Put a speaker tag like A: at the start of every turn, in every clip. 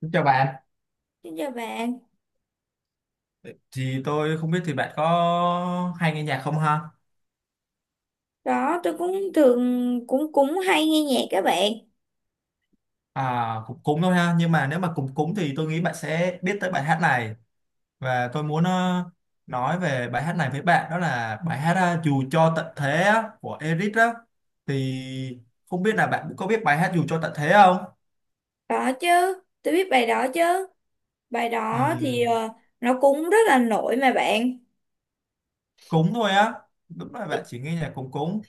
A: Xin chào bạn,
B: Xin chào bạn.
A: thì tôi không biết thì bạn có hay nghe nhạc không ha?
B: Đó, tôi cũng thường cũng cũng hay nghe nhạc các bạn.
A: À, cũng cúng thôi ha, nhưng mà nếu mà cúng cúng thì tôi nghĩ bạn sẽ biết tới bài hát này và tôi muốn nói về bài hát này với bạn, đó là bài hát Dù cho tận thế á, của Eric đó. Thì không biết là bạn có biết bài hát Dù cho tận thế không?
B: Đó chứ, tôi biết bài đó chứ. Bài
A: Ừ.
B: đó thì nó cũng rất là nổi mà bạn.
A: Cúng thôi á, đúng là bạn
B: Thì,
A: chỉ nghe nhạc cúng cúng.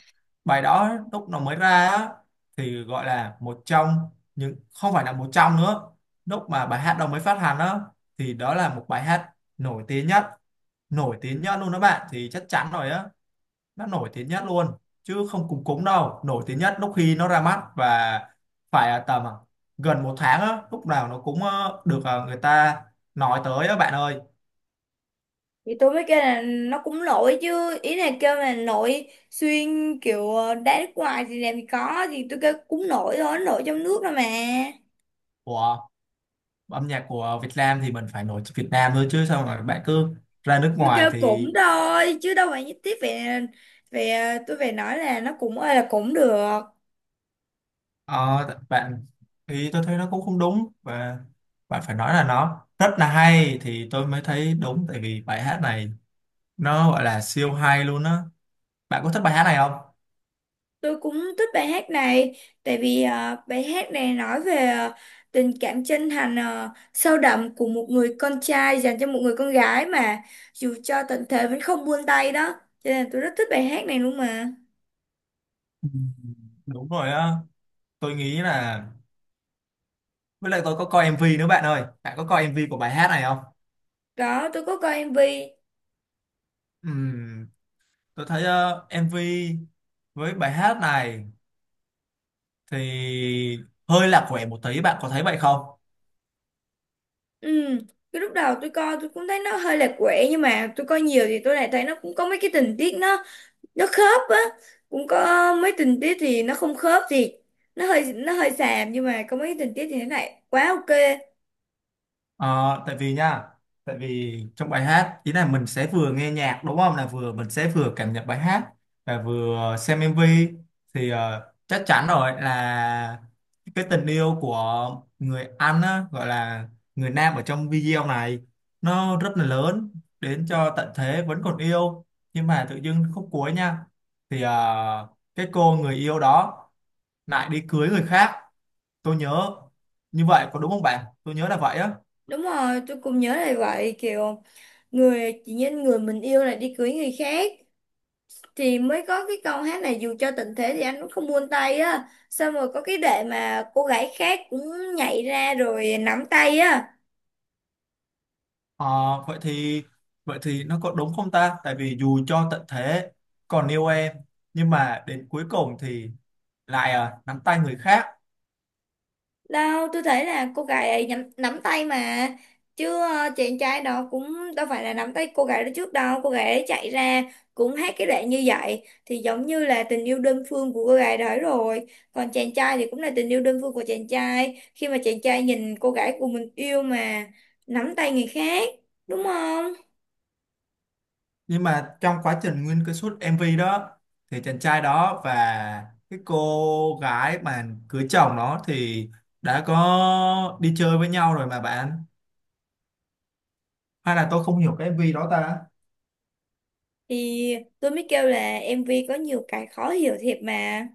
A: Bài đó lúc nó mới ra á thì gọi là một trong những, không phải là một trong nữa, lúc mà bài hát đó mới phát hành á thì đó là một bài hát nổi tiếng nhất, nổi tiếng nhất luôn đó bạn, thì chắc chắn rồi á, nó nổi tiếng nhất luôn chứ không cúng cúng đâu, nổi tiếng nhất lúc khi nó ra mắt. Và phải là tầm gần một tháng á, lúc nào nó cũng được, người ta nói tới á bạn ơi.
B: thì tôi mới kêu là nó cũng nổi chứ. Ý là kêu là nổi xuyên kiểu đá nước ngoài thì làm gì có. Thì tôi kêu cũng nổi thôi, nó nổi trong nước thôi mà.
A: Ủa, âm nhạc của Việt Nam thì mình phải nổi tiếng Việt Nam thôi chứ sao mà bạn cứ ra nước
B: Tôi
A: ngoài
B: kêu
A: thì
B: cũng thôi, chứ đâu phải nhất thiết về về tôi phải nói là nó cũng ơi là cũng được.
A: ờ, bạn. Thì tôi thấy nó cũng không đúng, và bạn phải nói là nó rất là hay thì tôi mới thấy đúng, tại vì bài hát này nó gọi là siêu hay luôn á. Bạn có thích bài hát này không?
B: Tôi cũng thích bài hát này, tại vì bài hát này nói về tình cảm chân thành, sâu đậm của một người con trai dành cho một người con gái mà dù cho tận thế vẫn không buông tay đó, cho nên tôi rất thích bài hát này luôn mà.
A: Ừ, đúng rồi á. Tôi nghĩ là, với lại tôi có coi MV nữa bạn ơi, bạn có coi MV của bài hát này không?
B: Đó, tôi có coi MV.
A: Ừm, tôi thấy MV với bài hát này thì hơi lạc quẻ một tí, bạn có thấy vậy không?
B: Ừ, cái lúc đầu tôi coi tôi cũng thấy nó hơi lạc quẻ, nhưng mà tôi coi nhiều thì tôi lại thấy nó cũng có mấy cái tình tiết, nó khớp á. Cũng có mấy tình tiết thì nó không khớp, thì nó hơi xàm, nhưng mà có mấy tình tiết thì nó lại quá ok.
A: Ờ, tại vì nha, tại vì trong bài hát ý là mình sẽ vừa nghe nhạc đúng không, là vừa mình sẽ vừa cảm nhận bài hát và vừa xem MV, thì chắc chắn rồi là cái tình yêu của người anh á, gọi là người nam ở trong video này nó rất là lớn, đến cho tận thế vẫn còn yêu. Nhưng mà tự dưng khúc cuối nha, thì cái cô người yêu đó lại đi cưới người khác. Tôi nhớ như vậy có đúng không bạn, tôi nhớ là vậy á.
B: Đúng rồi, tôi cũng nhớ là vậy, kiểu người chỉ nhân người mình yêu lại đi cưới người khác, thì mới có cái câu hát này dù cho tình thế thì anh cũng không buông tay á, xong rồi có cái đệ mà cô gái khác cũng nhảy ra rồi nắm tay á.
A: Ờ, vậy thì, vậy thì nó có đúng không ta? Tại vì dù cho tận thế còn yêu em, nhưng mà đến cuối cùng thì lại à, nắm tay người khác.
B: Đâu, tôi thấy là cô gái ấy nắm tay mà. Chứ chàng trai đó cũng đâu phải là nắm tay cô gái đó trước đâu. Cô gái ấy chạy ra cũng hát cái đoạn như vậy, thì giống như là tình yêu đơn phương của cô gái đó rồi. Còn chàng trai thì cũng là tình yêu đơn phương của chàng trai, khi mà chàng trai nhìn cô gái của mình yêu mà nắm tay người khác, đúng không?
A: Nhưng mà trong quá trình nguyên cái suốt MV đó thì chàng trai đó và cái cô gái mà cưới chồng đó thì đã có đi chơi với nhau rồi mà bạn. Hay là tôi không hiểu cái MV đó ta?
B: Thì tôi mới kêu là MV có nhiều cái khó hiểu thiệt mà.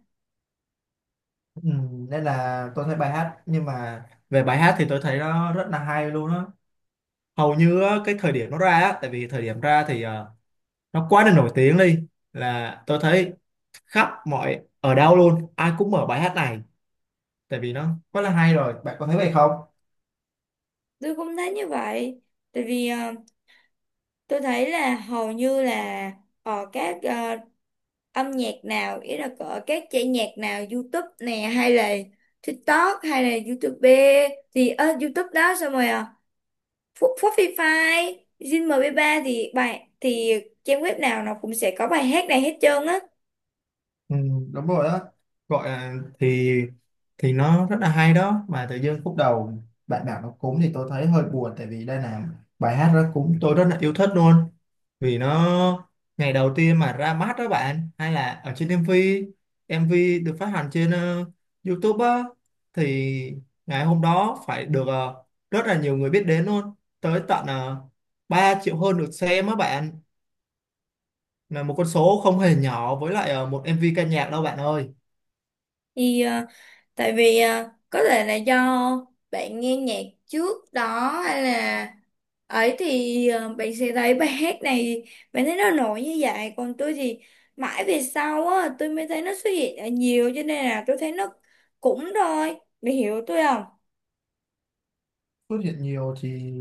A: Ừ, nên là tôi thấy bài hát, nhưng mà về bài hát thì tôi thấy nó rất là hay luôn á. Hầu như á, cái thời điểm nó ra á, tại vì thời điểm ra thì nó quá là nổi tiếng đi, là tôi thấy khắp mọi ở đâu luôn, ai cũng mở bài hát này tại vì nó quá là hay rồi. Bạn có thấy vậy không?
B: Tôi cũng thấy như vậy. Tại vì tôi thấy là hầu như là ở các âm nhạc nào, ý là ở các chạy nhạc nào YouTube nè hay là TikTok hay là YouTube, thì YouTube đó, xong rồi Spotify, Zing MP3, thì bài thì trang web nào nó cũng sẽ có bài hát này hết trơn á.
A: Ừ, đúng rồi đó, gọi là thì nó rất là hay đó. Mà tự dưng khúc đầu bạn bảo nó cúng thì tôi thấy hơi buồn, tại vì đây là bài hát đó cúng tôi rất là yêu thích luôn, vì nó ngày đầu tiên mà ra mắt đó bạn, hay là ở trên em vê em MV được phát hành trên YouTube á, thì ngày hôm đó phải được rất là nhiều người biết đến luôn, tới tận uh, 3 triệu hơn được xem á bạn, là một con số không hề nhỏ với lại một MV ca nhạc đâu bạn ơi.
B: Thì tại vì có thể là do bạn nghe nhạc trước đó hay là ấy thì bạn sẽ thấy bài hát này, bạn thấy nó nổi như vậy, còn tôi thì mãi về sau á tôi mới thấy nó xuất hiện ở nhiều, cho nên là tôi thấy nó cũng thôi, bạn hiểu tôi không?
A: Xuất hiện nhiều thì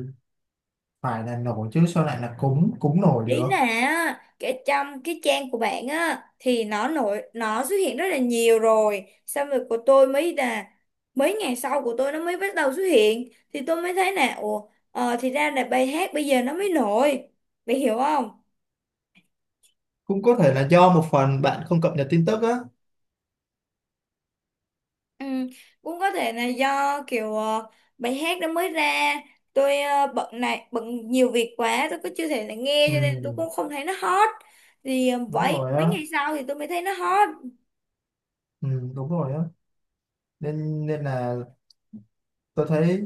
A: phải là nổi chứ, sao lại là cúng cúng nổi
B: Ý
A: được.
B: là á, cái trong cái trang của bạn á thì nó nổi, nó xuất hiện rất là nhiều rồi, xong rồi của tôi mới là mấy ngày sau của tôi nó mới bắt đầu xuất hiện, thì tôi mới thấy là ủa, thì ra là bài hát bây giờ nó mới nổi, bạn hiểu không?
A: Cũng có thể là do một phần bạn không cập nhật tin tức á.
B: Ừ, cũng có thể là do kiểu bài hát đó mới ra, tôi bận này bận nhiều việc quá tôi cứ chưa thể là nghe,
A: Ừ,
B: cho nên tôi cũng không thấy nó hot. Thì
A: đúng
B: vậy
A: rồi
B: mấy
A: á.
B: ngày sau thì tôi mới thấy nó hot.
A: Ừ, đúng rồi á. Nên nên là tôi thấy,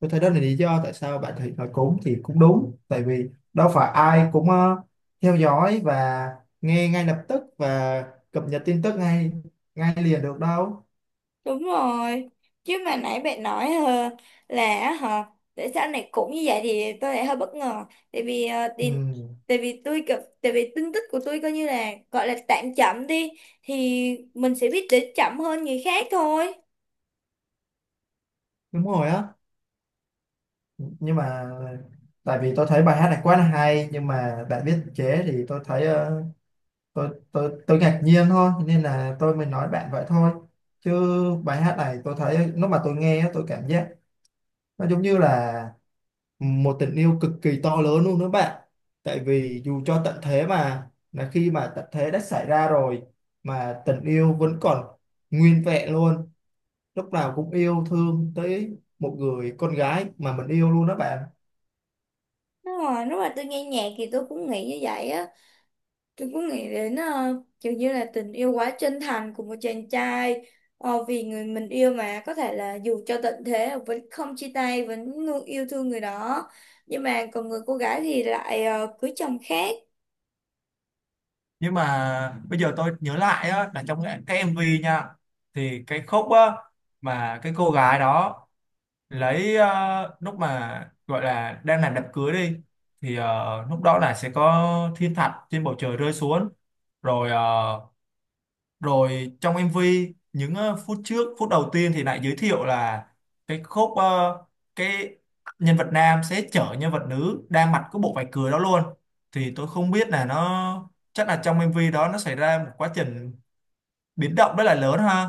A: tôi thấy đó là lý do tại sao bạn thấy nói cúng thì cũng đúng, tại vì đâu phải ai cũng theo dõi và nghe ngay lập tức và cập nhật tin tức ngay ngay liền được đâu.
B: Đúng rồi. Chứ mà nãy bạn nói là hả, tại sao này cũng như vậy, thì tôi lại hơi bất ngờ, tại vì thì,
A: Ừ,
B: tại vì tin tức của tôi coi như là gọi là tạm chậm đi, thì mình sẽ biết đến chậm hơn người khác thôi.
A: đúng rồi á. Nhưng mà tại vì tôi thấy bài hát này quá là hay nhưng mà bạn viết chế thì tôi thấy tôi ngạc nhiên thôi nên là tôi mới nói bạn vậy thôi, chứ bài hát này tôi thấy lúc mà tôi nghe á, tôi cảm giác nó giống như là một tình yêu cực kỳ to lớn luôn đó bạn, tại vì dù cho tận thế mà, là khi mà tận thế đã xảy ra rồi mà tình yêu vẫn còn nguyên vẹn luôn, lúc nào cũng yêu thương tới một người con gái mà mình yêu luôn đó bạn.
B: Đúng rồi, lúc mà tôi nghe nhạc thì tôi cũng nghĩ như vậy á. Tôi cũng nghĩ đến kiểu như là tình yêu quá chân thành của một chàng trai, vì người mình yêu mà có thể là dù cho tận thế vẫn không chia tay, vẫn luôn yêu thương người đó. Nhưng mà còn người cô gái thì lại cưới chồng khác.
A: Nhưng mà bây giờ tôi nhớ lại á, là trong cái MV nha, thì cái khúc á, mà cái cô gái đó lấy lúc mà gọi là đang làm đám cưới đi, thì lúc đó là sẽ có thiên thạch trên bầu trời rơi xuống, rồi rồi trong MV những phút trước phút đầu tiên thì lại giới thiệu là cái khúc cái nhân vật nam sẽ chở nhân vật nữ đang mặc cái bộ vải cười đó luôn. Thì tôi không biết là nó chắc là trong MV đó nó xảy ra một quá trình biến động rất là lớn ha.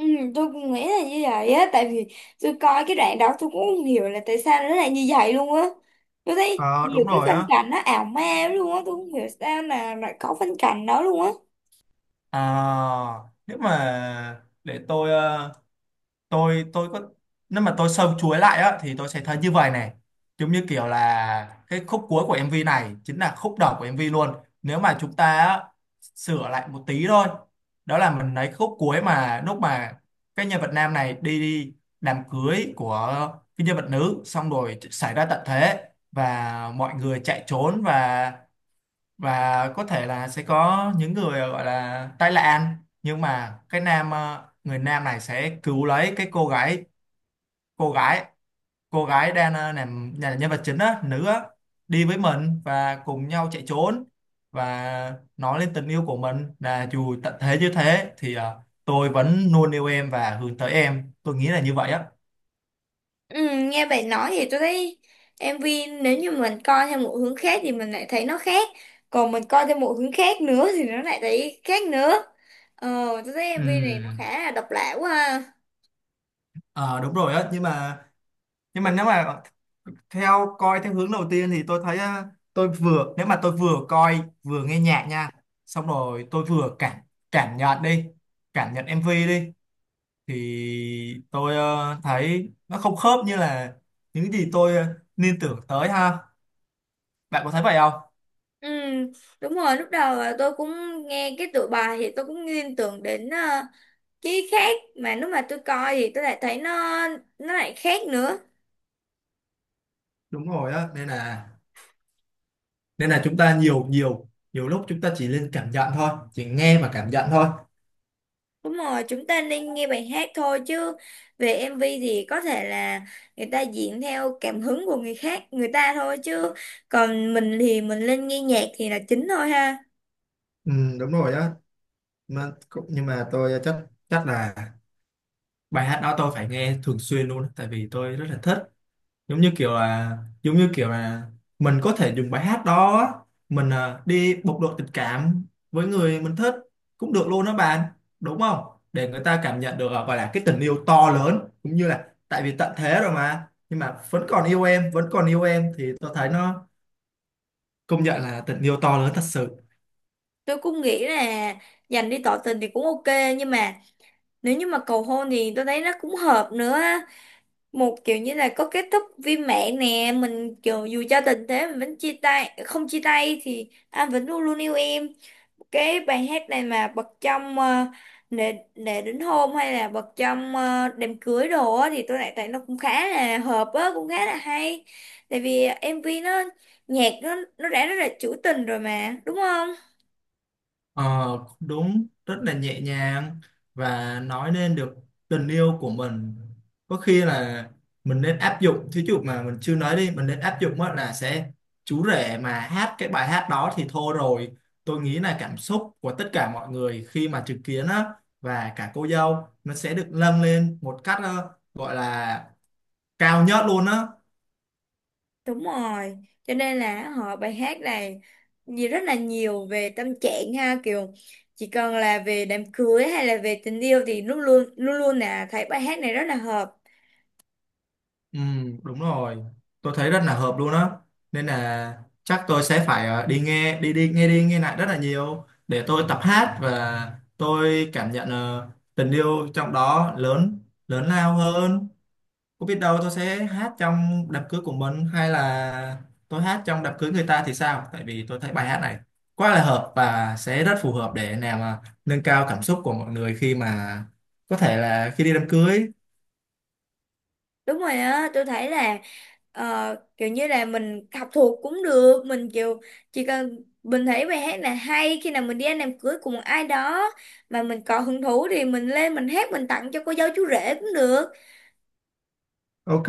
B: Ừ, tôi cũng nghĩ là như vậy á. Tại vì tôi coi cái đoạn đó, tôi cũng không hiểu là tại sao nó lại như vậy luôn á. Tôi thấy
A: Ờ
B: nhiều
A: đúng
B: cái
A: rồi
B: phân
A: á.
B: cảnh nó ảo ma lắm luôn á. Tôi không hiểu sao mà lại có phân cảnh đó luôn á.
A: À, nếu mà để tôi tôi có, nếu mà tôi sâu chuối lại á thì tôi sẽ thấy như vậy này: giống như kiểu là cái khúc cuối của MV này chính là khúc đầu của MV luôn. Nếu mà chúng ta á, sửa lại một tí thôi, đó là mình lấy khúc cuối, mà lúc mà cái nhân vật nam này đi đám cưới của cái nhân vật nữ, xong rồi xảy ra tận thế và mọi người chạy trốn, và có thể là sẽ có những người gọi là tai nạn, nhưng mà cái nam người nam này sẽ cứu lấy cái cô gái, cô gái cô gái đang làm nhà nhân vật chính á, nữ á, đi với mình và cùng nhau chạy trốn, và nói lên tình yêu của mình là dù tận thế như thế thì tôi vẫn luôn yêu em và hướng tới em. Tôi nghĩ là như vậy á.
B: Ừ, nghe bạn nói thì tôi thấy em MV, nếu như mình coi theo một hướng khác thì mình lại thấy nó khác, còn mình coi theo một hướng khác nữa thì nó lại thấy khác nữa. Ờ tôi thấy em
A: Ừ.
B: MV này nó khá là độc lạ quá ha.
A: Ờ, đúng rồi á. Nhưng mà nếu mà theo coi theo hướng đầu tiên thì tôi thấy á, tôi vừa, nếu mà tôi vừa coi vừa nghe nhạc nha, xong rồi tôi vừa cảm cảm nhận đi, cảm nhận MV đi, thì tôi thấy nó không khớp như là những gì tôi liên tưởng tới ha. Bạn có thấy vậy không?
B: Ừ, đúng rồi, lúc đầu là tôi cũng nghe cái tựa bài thì tôi cũng liên tưởng đến cái khác, mà lúc mà tôi coi thì tôi lại thấy nó lại khác nữa.
A: Đúng rồi á, nên là chúng ta nhiều nhiều nhiều lúc chúng ta chỉ nên cảm nhận thôi, chỉ nghe và cảm nhận thôi.
B: Đúng rồi, chúng ta nên nghe bài hát thôi, chứ về MV thì có thể là người ta diễn theo cảm hứng của người khác, người ta thôi, chứ còn mình thì mình lên nghe nhạc thì là chính thôi ha.
A: Ừ, đúng rồi á, mà cũng- nhưng mà tôi chắc chắc là bài hát đó tôi phải nghe thường xuyên luôn á, tại vì tôi rất là thích. giống như kiểu là giống như kiểu là mình có thể dùng bài hát đó á, mình à, đi bộc lộ tình cảm với người mình thích cũng được luôn đó bạn, đúng không, để người ta cảm nhận được à, gọi là cái tình yêu to lớn, cũng như là tại vì tận thế rồi mà nhưng mà vẫn còn yêu em vẫn còn yêu em, thì tôi thấy nó công nhận là tình yêu to lớn thật sự.
B: Tôi cũng nghĩ là dành đi tỏ tình thì cũng ok, nhưng mà nếu như mà cầu hôn thì tôi thấy nó cũng hợp nữa á. Một kiểu như là có kết thúc viên mãn nè, mình kiểu dù cho tình thế mình vẫn chia tay, không chia tay thì anh vẫn luôn luôn yêu em. Cái bài hát này mà bật trong để đến hôm hay là bật trong đám cưới đồ á, thì tôi lại thấy nó cũng khá là hợp á, cũng khá là hay. Tại vì MV nó, nhạc nó đã rất là trữ tình rồi mà đúng không?
A: Ờ, đúng, rất là nhẹ nhàng và nói nên được tình yêu của mình. Có khi là mình nên áp dụng, thí dụ mà mình chưa nói đi, mình nên áp dụng á là sẽ chú rể mà hát cái bài hát đó thì thôi rồi, tôi nghĩ là cảm xúc của tất cả mọi người khi mà chứng kiến á và cả cô dâu nó sẽ được nâng lên một cách gọi là cao nhất luôn á.
B: Đúng rồi, cho nên là họ bài hát này gì rất là nhiều về tâm trạng ha, kiểu chỉ cần là về đám cưới hay là về tình yêu thì luôn luôn luôn luôn là thấy bài hát này rất là hợp.
A: Ừ, đúng rồi. Tôi thấy rất là hợp luôn á. Nên là chắc tôi sẽ phải đi nghe, đi đi nghe lại rất là nhiều để tôi tập hát và tôi cảm nhận tình yêu trong đó lớn lớn lao hơn. Có biết đâu tôi sẽ hát trong đám cưới của mình, hay là tôi hát trong đám cưới người ta thì sao? Tại vì tôi thấy bài hát này quá là hợp và sẽ rất phù hợp để làm nâng cao cảm xúc của mọi người khi mà có thể là khi đi đám cưới.
B: Đúng rồi á, tôi thấy là kiểu như là mình học thuộc cũng được, mình kiểu chỉ cần mình thấy bài hát là hay, khi nào mình đi ăn đám cưới của một ai đó mà mình có hứng thú thì mình lên mình hát mình tặng cho cô dâu chú rể cũng được.
A: Ok,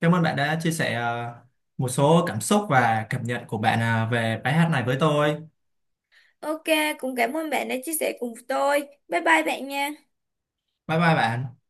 A: cảm ơn bạn đã chia sẻ một số cảm xúc và cảm nhận của bạn về bài hát này với tôi.
B: Ok, cũng cảm ơn bạn đã chia sẻ cùng tôi. Bye bye bạn nha.
A: Bye bye bạn.